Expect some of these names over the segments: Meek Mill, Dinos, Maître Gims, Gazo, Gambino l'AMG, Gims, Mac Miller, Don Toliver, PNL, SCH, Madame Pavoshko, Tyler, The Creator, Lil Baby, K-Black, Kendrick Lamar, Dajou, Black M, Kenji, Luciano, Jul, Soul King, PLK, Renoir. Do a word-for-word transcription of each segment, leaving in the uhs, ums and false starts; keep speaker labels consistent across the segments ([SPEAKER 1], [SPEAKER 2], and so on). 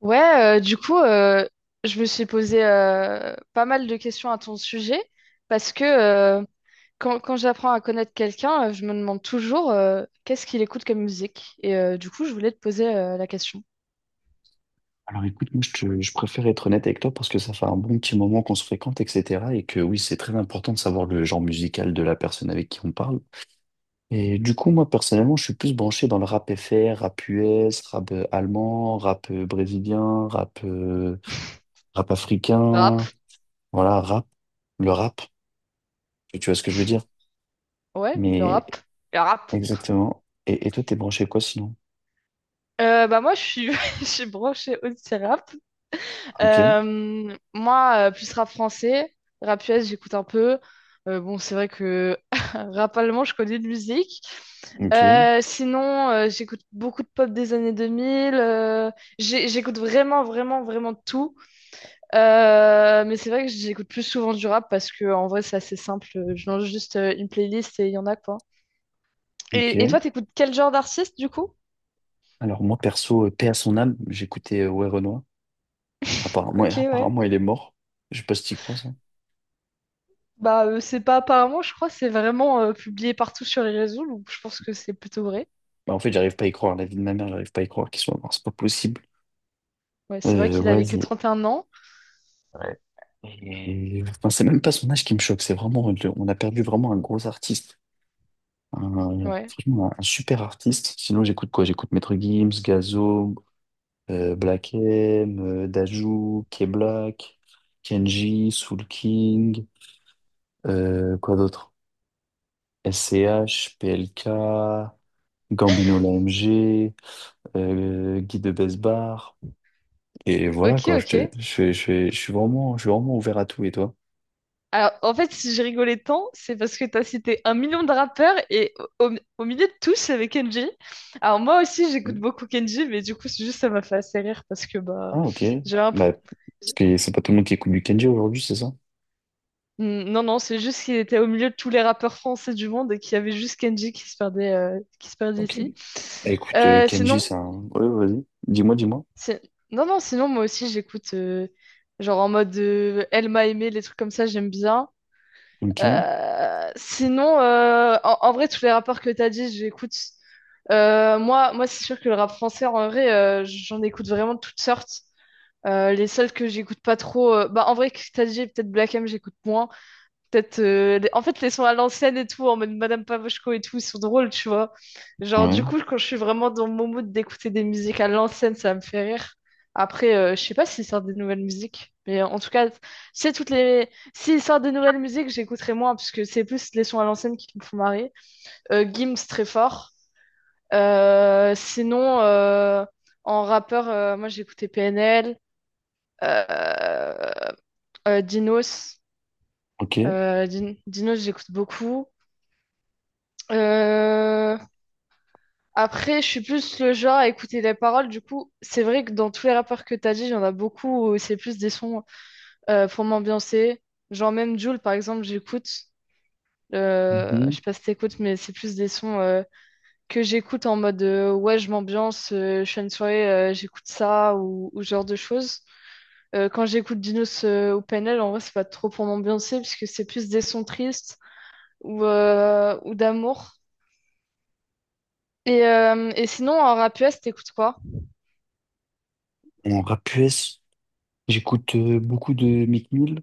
[SPEAKER 1] Ouais, euh, du coup, euh, je me suis posé euh, pas mal de questions à ton sujet parce que euh, quand, quand j'apprends à connaître quelqu'un, euh, je me demande toujours euh, qu'est-ce qu'il écoute comme musique. Et euh, du coup, je voulais te poser euh, la question.
[SPEAKER 2] Alors écoute, moi je, te- je préfère être honnête avec toi parce que ça fait un bon petit moment qu'on se fréquente, et cétéra. Et que oui, c'est très important de savoir le genre musical de la personne avec qui on parle. Et du coup, moi personnellement, je suis plus branché dans le rap F R, rap U S, rap euh, allemand, rap euh, brésilien, rap, euh, rap
[SPEAKER 1] Rap,
[SPEAKER 2] africain, voilà, rap, le rap, si tu vois ce que je veux dire?
[SPEAKER 1] ouais, le
[SPEAKER 2] Mais
[SPEAKER 1] rap. Le rap.
[SPEAKER 2] exactement. Et, et toi, t'es branché quoi sinon?
[SPEAKER 1] Euh, bah moi, je suis, je suis branchée aussi rap.
[SPEAKER 2] Ok,
[SPEAKER 1] Euh, moi, euh, plus rap français, rap U S, j'écoute un peu. Euh, bon, c'est vrai que rap allemand, je connais de musique.
[SPEAKER 2] ok,
[SPEAKER 1] Euh, sinon, euh, j'écoute beaucoup de pop des années deux mille. Euh, j'ai- j'écoute vraiment, vraiment, vraiment de tout. Euh, mais c'est vrai que j'écoute plus souvent du rap parce que en vrai, c'est assez simple. Je lance juste euh, une playlist et il y en a quoi. Et, et
[SPEAKER 2] ok.
[SPEAKER 1] toi, t'écoutes quel genre d'artiste du coup?
[SPEAKER 2] Alors moi perso, euh, paix à son âme, j'écoutais euh, Ouais Renoir. Apparemment,
[SPEAKER 1] Ok, ouais.
[SPEAKER 2] apparemment, il est mort. Je sais pas si t'y crois, ça.
[SPEAKER 1] Bah, euh, c'est pas apparemment, je crois, c'est vraiment euh, publié partout sur les réseaux, donc je pense que c'est plutôt vrai.
[SPEAKER 2] Bah, en fait, j'arrive pas à y croire. La vie de ma mère, j'arrive pas à y croire qu'il soit mort. C'est pas possible.
[SPEAKER 1] Ouais, c'est vrai
[SPEAKER 2] Euh,
[SPEAKER 1] qu'il
[SPEAKER 2] ouais,
[SPEAKER 1] avait que
[SPEAKER 2] il-
[SPEAKER 1] trente et un ans.
[SPEAKER 2] ouais. Et- enfin, c'est même pas son âge qui me choque. C'est vraiment, le- on a perdu vraiment un gros artiste. Un,
[SPEAKER 1] Ouais.
[SPEAKER 2] franchement, un, super artiste. Sinon, j'écoute quoi? J'écoute Maître Gims, Gazo, euh, Black M, euh, Dajou, K-Black, Kenji, Soul King, euh, quoi d'autre? S C H, P L K, Gambino l'A M G. Euh, guide de best. Et voilà,
[SPEAKER 1] Ok,
[SPEAKER 2] quoi, je, te-
[SPEAKER 1] ok.
[SPEAKER 2] je, fais- je, fais- je suis vraiment, je suis vraiment ouvert à tout, et toi?
[SPEAKER 1] Alors, en fait, si j'ai rigolé tant, c'est parce que t'as cité un million de rappeurs et au, au- au milieu de tous, avec Kenji. Alors, moi aussi, j'écoute beaucoup Kenji, mais du coup, c'est juste ça m'a fait assez rire parce que,
[SPEAKER 2] Ah,
[SPEAKER 1] bah,
[SPEAKER 2] ok.
[SPEAKER 1] j'ai un. pro-
[SPEAKER 2] Bah, parce que c'est pas tout le monde qui écoute du Kenji aujourd'hui, c'est ça?
[SPEAKER 1] Mm. Non, non, c'est juste qu'il était au milieu de tous les rappeurs français du monde et qu'il y avait juste Kenji qui se perdait, euh, qui se perdait
[SPEAKER 2] Ok.
[SPEAKER 1] ici.
[SPEAKER 2] Bah, écoute, euh,
[SPEAKER 1] Euh,
[SPEAKER 2] Kenji,
[SPEAKER 1] sinon,
[SPEAKER 2] c'est un... Ouais, vas-y. Dis-moi, dis-moi.
[SPEAKER 1] c'est- non, non, sinon, moi aussi, j'écoute, euh, genre en mode euh, Elle m'a aimé, les trucs comme ça, j'aime bien.
[SPEAKER 2] Ok.
[SPEAKER 1] Euh, sinon, euh, en, en vrai, tous les rapports que tu as dit, j'écoute. Euh, moi, moi c'est sûr que le rap français, en vrai, euh, j'en écoute vraiment de toutes sortes. Euh, les seuls que j'écoute pas trop, euh, bah, en vrai, que t'as dit, peut-être Black M, j'écoute moins. Peut-être, euh, les- en fait, les sons à l'ancienne et tout, en mode Madame Pavoshko et tout, ils sont drôles, tu vois. Genre, du
[SPEAKER 2] Ouais.
[SPEAKER 1] coup, quand je suis vraiment dans mon mood d'écouter des musiques à l'ancienne, ça me fait rire. Après, euh, je sais pas s'ils sortent des nouvelles musiques, mais en tout cas, c'est toutes les. S'ils sortent des nouvelles musiques, j'écouterai moins, parce que c'est plus les sons à l'ancienne qui me font marrer. Euh, Gims, très fort. Euh, sinon, euh, en rappeur, euh, moi, j'écoutais P N L, euh, euh, Dinos.
[SPEAKER 2] Ok.
[SPEAKER 1] Euh, Din- Dinos, j'écoute beaucoup. Euh, Après, je suis plus le genre à écouter les paroles. Du coup, c'est vrai que dans tous les rappeurs que t'as dit, il y en a beaucoup où c'est plus des sons euh, pour m'ambiancer. Genre même Jul, par exemple, j'écoute. Euh,
[SPEAKER 2] Mhm.
[SPEAKER 1] je sais pas si t'écoutes, mais c'est plus des sons euh, que j'écoute en mode euh, ouais, je m'ambiance, euh, je suis à une soirée, euh, j'écoute ça ou, ou ce genre de choses. Euh, quand j'écoute Dinos euh, ou P N L, en vrai, c'est pas trop pour m'ambiancer puisque c'est plus des sons tristes ou, euh, ou d'amour. Et, euh, et sinon, en rap U S, t'écoutes quoi?
[SPEAKER 2] En rap U S, j'écoute euh, beaucoup de Meek Mill,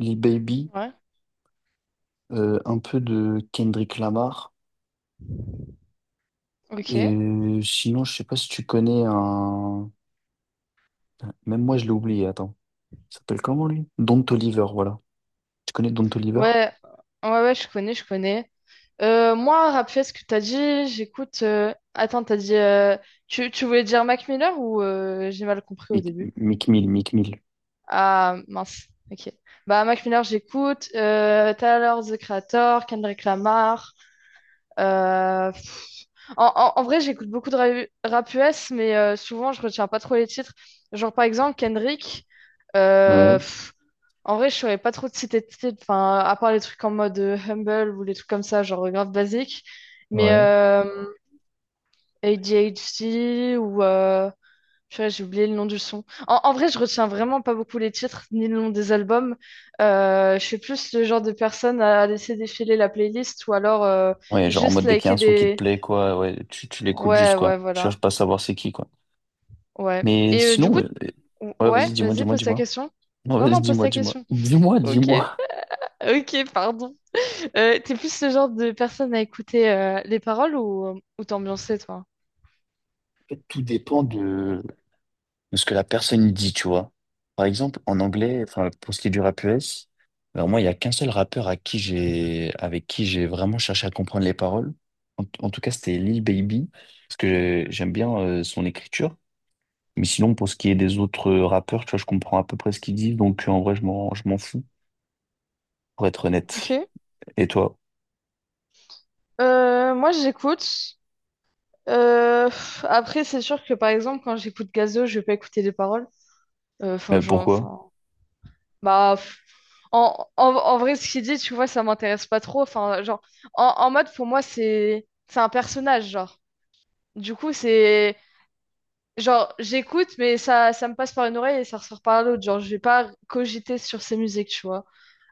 [SPEAKER 2] Lil Baby,
[SPEAKER 1] Ouais,
[SPEAKER 2] euh, un peu de Kendrick Lamar.
[SPEAKER 1] ok.
[SPEAKER 2] Et
[SPEAKER 1] Ouais,
[SPEAKER 2] euh, sinon, je sais pas si tu connais un... Même moi, je l'ai oublié, attends. Il s'appelle comment lui? Don Toliver, voilà. Tu connais Don Toliver?
[SPEAKER 1] ouais, ouais, je connais, je connais. Euh, moi, rappelez ce que t'as dit, j'écoute. euh, Attends, t'as dit. euh, Tu, Tu voulais dire Mac Miller ou euh, j'ai mal compris au
[SPEAKER 2] Mick,
[SPEAKER 1] début?
[SPEAKER 2] Mick Mill, Mick Mill.
[SPEAKER 1] Ah, mince, ok. Bah, Mac Miller, j'écoute. Euh, Tyler, The Creator, Kendrick Lamar. euh, pff, En, en- en vrai, j'écoute beaucoup de ra- rap U S, mais euh, souvent, je retiens pas trop les titres. Genre, par exemple, Kendrick.
[SPEAKER 2] Ouais.
[SPEAKER 1] En vrai, je saurais pas trop te citer de titre, enfin, à part les trucs en mode euh, Humble ou les trucs comme ça, genre euh, grave basique. Mais
[SPEAKER 2] Ouais.
[SPEAKER 1] euh, A D H D ou... Euh... purée, j'ai oublié le nom du son. En, en vrai, je retiens vraiment pas beaucoup les titres ni le nom des albums. Euh, je suis plus le genre de personne à laisser défiler la playlist ou alors euh,
[SPEAKER 2] Ouais, genre en
[SPEAKER 1] juste
[SPEAKER 2] mode dès qu'il y a un
[SPEAKER 1] liker
[SPEAKER 2] son qui te
[SPEAKER 1] des...
[SPEAKER 2] plaît, quoi, ouais, tu, tu l'écoutes juste,
[SPEAKER 1] Ouais,
[SPEAKER 2] quoi.
[SPEAKER 1] ouais,
[SPEAKER 2] Tu cherches
[SPEAKER 1] voilà.
[SPEAKER 2] pas à savoir c'est qui, quoi.
[SPEAKER 1] Ouais.
[SPEAKER 2] Mais
[SPEAKER 1] Et euh, du
[SPEAKER 2] sinon,
[SPEAKER 1] coup...
[SPEAKER 2] euh,
[SPEAKER 1] t-
[SPEAKER 2] euh, ouais,
[SPEAKER 1] Ouais,
[SPEAKER 2] vas-y, dis-moi,
[SPEAKER 1] vas-y,
[SPEAKER 2] dis-moi,
[SPEAKER 1] pose ta
[SPEAKER 2] dis-moi.
[SPEAKER 1] question.
[SPEAKER 2] Non,
[SPEAKER 1] Non,
[SPEAKER 2] vas-y,
[SPEAKER 1] non, pose
[SPEAKER 2] dis-moi,
[SPEAKER 1] ta
[SPEAKER 2] dis-moi.
[SPEAKER 1] question.
[SPEAKER 2] Dis-moi,
[SPEAKER 1] Ok.
[SPEAKER 2] dis-moi.
[SPEAKER 1] Ok, pardon. Euh, t'es plus le genre de personne à écouter euh, les paroles ou, ou t'ambiancer, toi?
[SPEAKER 2] En fait, tout dépend de, de ce que la personne y dit, tu vois. Par exemple, en anglais, enfin, pour ce qui est du rap U S, alors moi, il n'y a qu'un seul rappeur à qui j'ai, avec qui j'ai vraiment cherché à comprendre les paroles. En, en tout cas, c'était Lil Baby, parce que j'aime bien euh, son écriture. Mais sinon, pour ce qui est des autres rappeurs, tu vois, je comprends à peu près ce qu'ils disent, donc en vrai, je m'en, je m'en fous, pour être honnête.
[SPEAKER 1] Ok.
[SPEAKER 2] Et toi?
[SPEAKER 1] Euh, moi, j'écoute. Euh, pff, après, c'est sûr que, par exemple, quand j'écoute Gazo, je vais pas écouter les paroles. Euh, Enfin,
[SPEAKER 2] Mais
[SPEAKER 1] genre,
[SPEAKER 2] pourquoi?
[SPEAKER 1] enfin... Bah, pff, en, en, en vrai, ce qu'il dit, tu vois, ça m'intéresse pas trop. Enfin, genre, en, en mode, pour moi, c'est c'est un personnage, genre. Du coup, c'est... Genre, j'écoute, mais ça, ça me passe par une oreille et ça ressort par l'autre. Genre, je vais pas cogiter sur ses musiques, tu vois.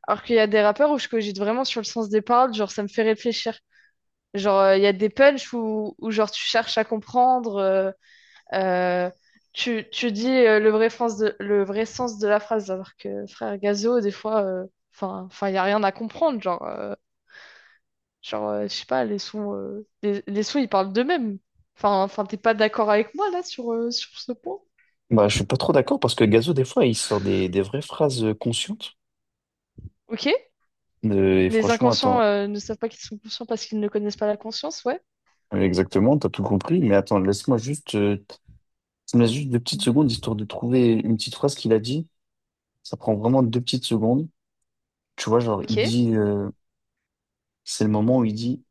[SPEAKER 1] Alors qu'il y a des rappeurs où je cogite vraiment sur le sens des paroles, genre ça me fait réfléchir. Genre euh, il y a des punchs où, où genre tu cherches à comprendre, euh, euh, tu, tu dis euh, le vrai sens de, le vrai sens de la phrase, alors que frère Gazo, des fois, euh, enfin, enfin il y a rien à comprendre, genre, euh, genre euh, je sais pas, les sons, euh, les, les sons ils parlent d'eux-mêmes. Enfin, enfin t'es pas d'accord avec moi là sur, euh, sur ce point?
[SPEAKER 2] Bah, je suis pas trop d'accord parce que Gazo, des fois, il sort des, des vraies phrases euh, conscientes.
[SPEAKER 1] Ok?
[SPEAKER 2] Euh, et
[SPEAKER 1] Les
[SPEAKER 2] franchement,
[SPEAKER 1] inconscients
[SPEAKER 2] attends,
[SPEAKER 1] euh, ne savent pas qu'ils sont conscients parce qu'ils ne connaissent pas la conscience, ouais.
[SPEAKER 2] exactement, t'as tout compris. Mais attends, laisse-moi juste euh, ça me laisse juste deux petites secondes histoire de trouver une petite phrase qu'il a dit. Ça prend vraiment deux petites secondes. Tu vois, genre,
[SPEAKER 1] Ok.
[SPEAKER 2] il dit, euh, c'est le moment où il dit,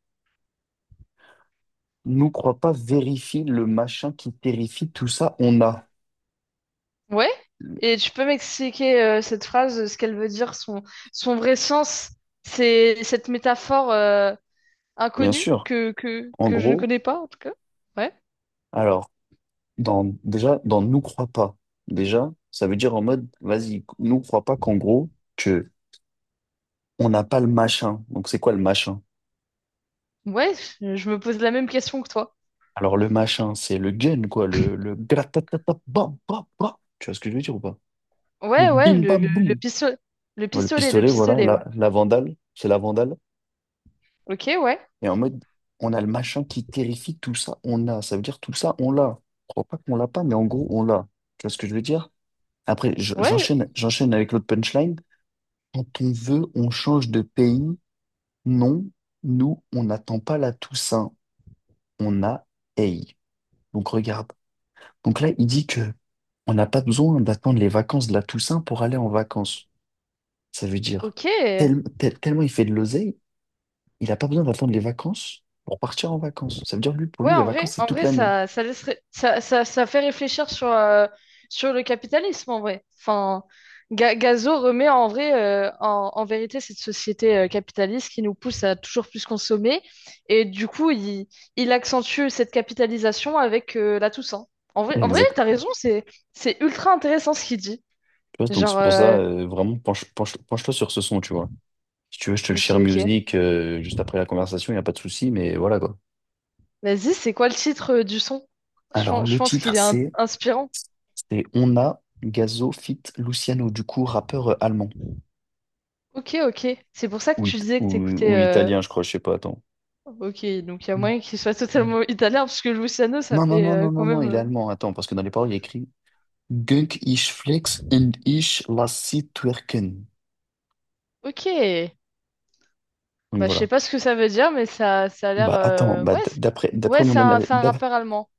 [SPEAKER 2] nous crois pas, vérifie le machin qui terrifie, tout ça, on a.
[SPEAKER 1] Ouais? Et tu peux m'expliquer euh, cette phrase, euh, ce qu'elle veut dire, son, son vrai sens, c'est cette métaphore euh,
[SPEAKER 2] Bien
[SPEAKER 1] inconnue
[SPEAKER 2] sûr,
[SPEAKER 1] que, que,
[SPEAKER 2] en
[SPEAKER 1] que je ne
[SPEAKER 2] gros,
[SPEAKER 1] connais pas en tout cas. Ouais.
[SPEAKER 2] alors, dans, déjà, dans nous crois pas, déjà, ça veut dire en mode, vas-y, nous crois pas qu'en gros, que on n'a pas le machin. Donc, c'est quoi le machin?
[SPEAKER 1] Ouais, je je me pose la même question que toi.
[SPEAKER 2] Alors, le machin, c'est le gun, quoi, le, le gratatata, bam, bam, bam. Tu vois ce que je veux dire ou pas? Le
[SPEAKER 1] Ouais, ouais,
[SPEAKER 2] bim,
[SPEAKER 1] le,
[SPEAKER 2] bam,
[SPEAKER 1] le, le
[SPEAKER 2] boum.
[SPEAKER 1] pistolet. Le
[SPEAKER 2] Ouais, le
[SPEAKER 1] pistolet, le
[SPEAKER 2] pistolet, voilà,
[SPEAKER 1] pistolet, ouais.
[SPEAKER 2] la, la vandale, c'est la vandale.
[SPEAKER 1] Ok, ouais.
[SPEAKER 2] Et en mode, on a le machin qui terrifie, tout ça, on l'a. Ça veut dire tout ça, on l'a. Je crois pas qu'on l'a pas, mais en gros, on l'a. Tu vois ce que je veux dire? Après, je-
[SPEAKER 1] Ouais,
[SPEAKER 2] j'enchaîne, j'enchaîne avec l'autre punchline. Quand on veut, on change de pays. Non, nous, on n'attend pas la Toussaint. On a. Hey. Donc regarde. Donc là, il dit que on n'a pas besoin d'attendre les vacances de la Toussaint pour aller en vacances. Ça veut dire
[SPEAKER 1] ok.
[SPEAKER 2] tel- tel- tellement il fait de l'oseille. Il n'a pas besoin d'attendre les vacances pour partir en vacances. Ça veut dire, lui, pour
[SPEAKER 1] Ouais,
[SPEAKER 2] lui, les
[SPEAKER 1] en
[SPEAKER 2] vacances,
[SPEAKER 1] vrai,
[SPEAKER 2] c'est
[SPEAKER 1] en
[SPEAKER 2] toute
[SPEAKER 1] vrai,
[SPEAKER 2] l'année.
[SPEAKER 1] ça, ça laisserait, ça, ça, ça fait réfléchir sur, euh, sur le capitalisme, en vrai. Enfin, Ga- Gazo remet en vrai, euh, en, en vérité, cette société euh, capitaliste qui nous pousse à toujours plus consommer. Et du coup, il, il accentue cette capitalisation avec euh, la Toussaint. En vrai, en vrai,
[SPEAKER 2] Exact.
[SPEAKER 1] t'as raison, c'est, c'est ultra intéressant ce qu'il dit.
[SPEAKER 2] Tu vois, donc c'est
[SPEAKER 1] Genre,
[SPEAKER 2] pour ça,
[SPEAKER 1] euh,
[SPEAKER 2] euh, vraiment, penche, penche, penche-toi sur ce son, tu vois. Si tu veux, je te le
[SPEAKER 1] ok,
[SPEAKER 2] share
[SPEAKER 1] ok.
[SPEAKER 2] music euh, juste après la conversation, il n'y a pas de souci, mais voilà quoi.
[SPEAKER 1] Vas-y, c'est quoi le titre euh, du son? Je,
[SPEAKER 2] Alors,
[SPEAKER 1] pense- je
[SPEAKER 2] le
[SPEAKER 1] pense qu'il
[SPEAKER 2] titre,
[SPEAKER 1] est in-
[SPEAKER 2] c'est
[SPEAKER 1] inspirant.
[SPEAKER 2] c'est On a Gazo feat. Luciano, du coup, rappeur euh, allemand.
[SPEAKER 1] Ok, ok. C'est pour ça que
[SPEAKER 2] Ou,
[SPEAKER 1] tu
[SPEAKER 2] it-
[SPEAKER 1] disais
[SPEAKER 2] ou,
[SPEAKER 1] que t'écoutais.
[SPEAKER 2] ou
[SPEAKER 1] euh,
[SPEAKER 2] italien, je crois, je sais pas, attends.
[SPEAKER 1] Ok, donc il y a
[SPEAKER 2] Mm,
[SPEAKER 1] moyen qu'il soit
[SPEAKER 2] mm.
[SPEAKER 1] totalement italien, parce que Luciano, ça
[SPEAKER 2] Non, non,
[SPEAKER 1] fait
[SPEAKER 2] non, non,
[SPEAKER 1] euh,
[SPEAKER 2] non,
[SPEAKER 1] quand
[SPEAKER 2] non,
[SPEAKER 1] même...
[SPEAKER 2] il est
[SPEAKER 1] euh,
[SPEAKER 2] allemand, attends, parce que dans les paroles, il y a écrit Gunk ich flex und ich lass sie twerken.
[SPEAKER 1] Ok,
[SPEAKER 2] Donc
[SPEAKER 1] bah je sais
[SPEAKER 2] voilà.
[SPEAKER 1] pas ce que ça veut dire, mais ça, ça a l'air...
[SPEAKER 2] Bah attends,
[SPEAKER 1] euh,
[SPEAKER 2] bah,
[SPEAKER 1] Ouais,
[SPEAKER 2] d-
[SPEAKER 1] c'est-
[SPEAKER 2] d'après d'après
[SPEAKER 1] ouais,
[SPEAKER 2] mon
[SPEAKER 1] c'est un,
[SPEAKER 2] analyse
[SPEAKER 1] c'est un rappeur allemand.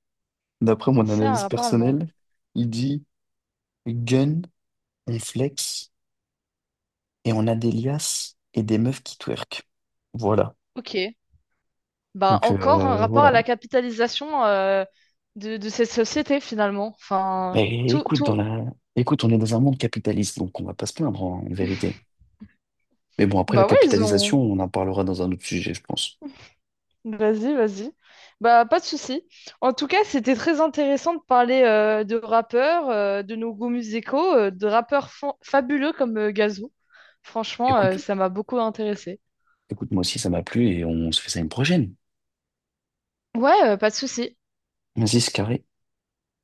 [SPEAKER 2] d'après mon
[SPEAKER 1] C'est un
[SPEAKER 2] analyse
[SPEAKER 1] rappeur allemand.
[SPEAKER 2] personnelle, il dit gun, on flex et on a des liasses et des meufs qui twerk. Voilà.
[SPEAKER 1] Ok, bah
[SPEAKER 2] Donc
[SPEAKER 1] encore un
[SPEAKER 2] euh,
[SPEAKER 1] rapport à
[SPEAKER 2] voilà.
[SPEAKER 1] la capitalisation euh, de, de cette société, finalement. Enfin,
[SPEAKER 2] Mais
[SPEAKER 1] tout,
[SPEAKER 2] écoute, dans
[SPEAKER 1] tout...
[SPEAKER 2] la écoute, on est dans un monde capitaliste, donc on va pas se plaindre en, en vérité. Mais bon, après la
[SPEAKER 1] Bah ouais, ils ont...
[SPEAKER 2] capitalisation, on en parlera dans un autre sujet, je pense.
[SPEAKER 1] Vas-y, vas-y. Bah, pas de souci. En tout cas, c'était très intéressant de parler euh, de rappeurs, euh, de nos goûts musicaux, euh, de rappeurs fa- fabuleux comme euh, Gazou. Franchement, euh,
[SPEAKER 2] Écoute,
[SPEAKER 1] ça m'a beaucoup intéressé.
[SPEAKER 2] écoute, moi aussi ça m'a plu et on se fait ça une prochaine.
[SPEAKER 1] Ouais, euh, pas de souci.
[SPEAKER 2] Vas-y, c'est carré.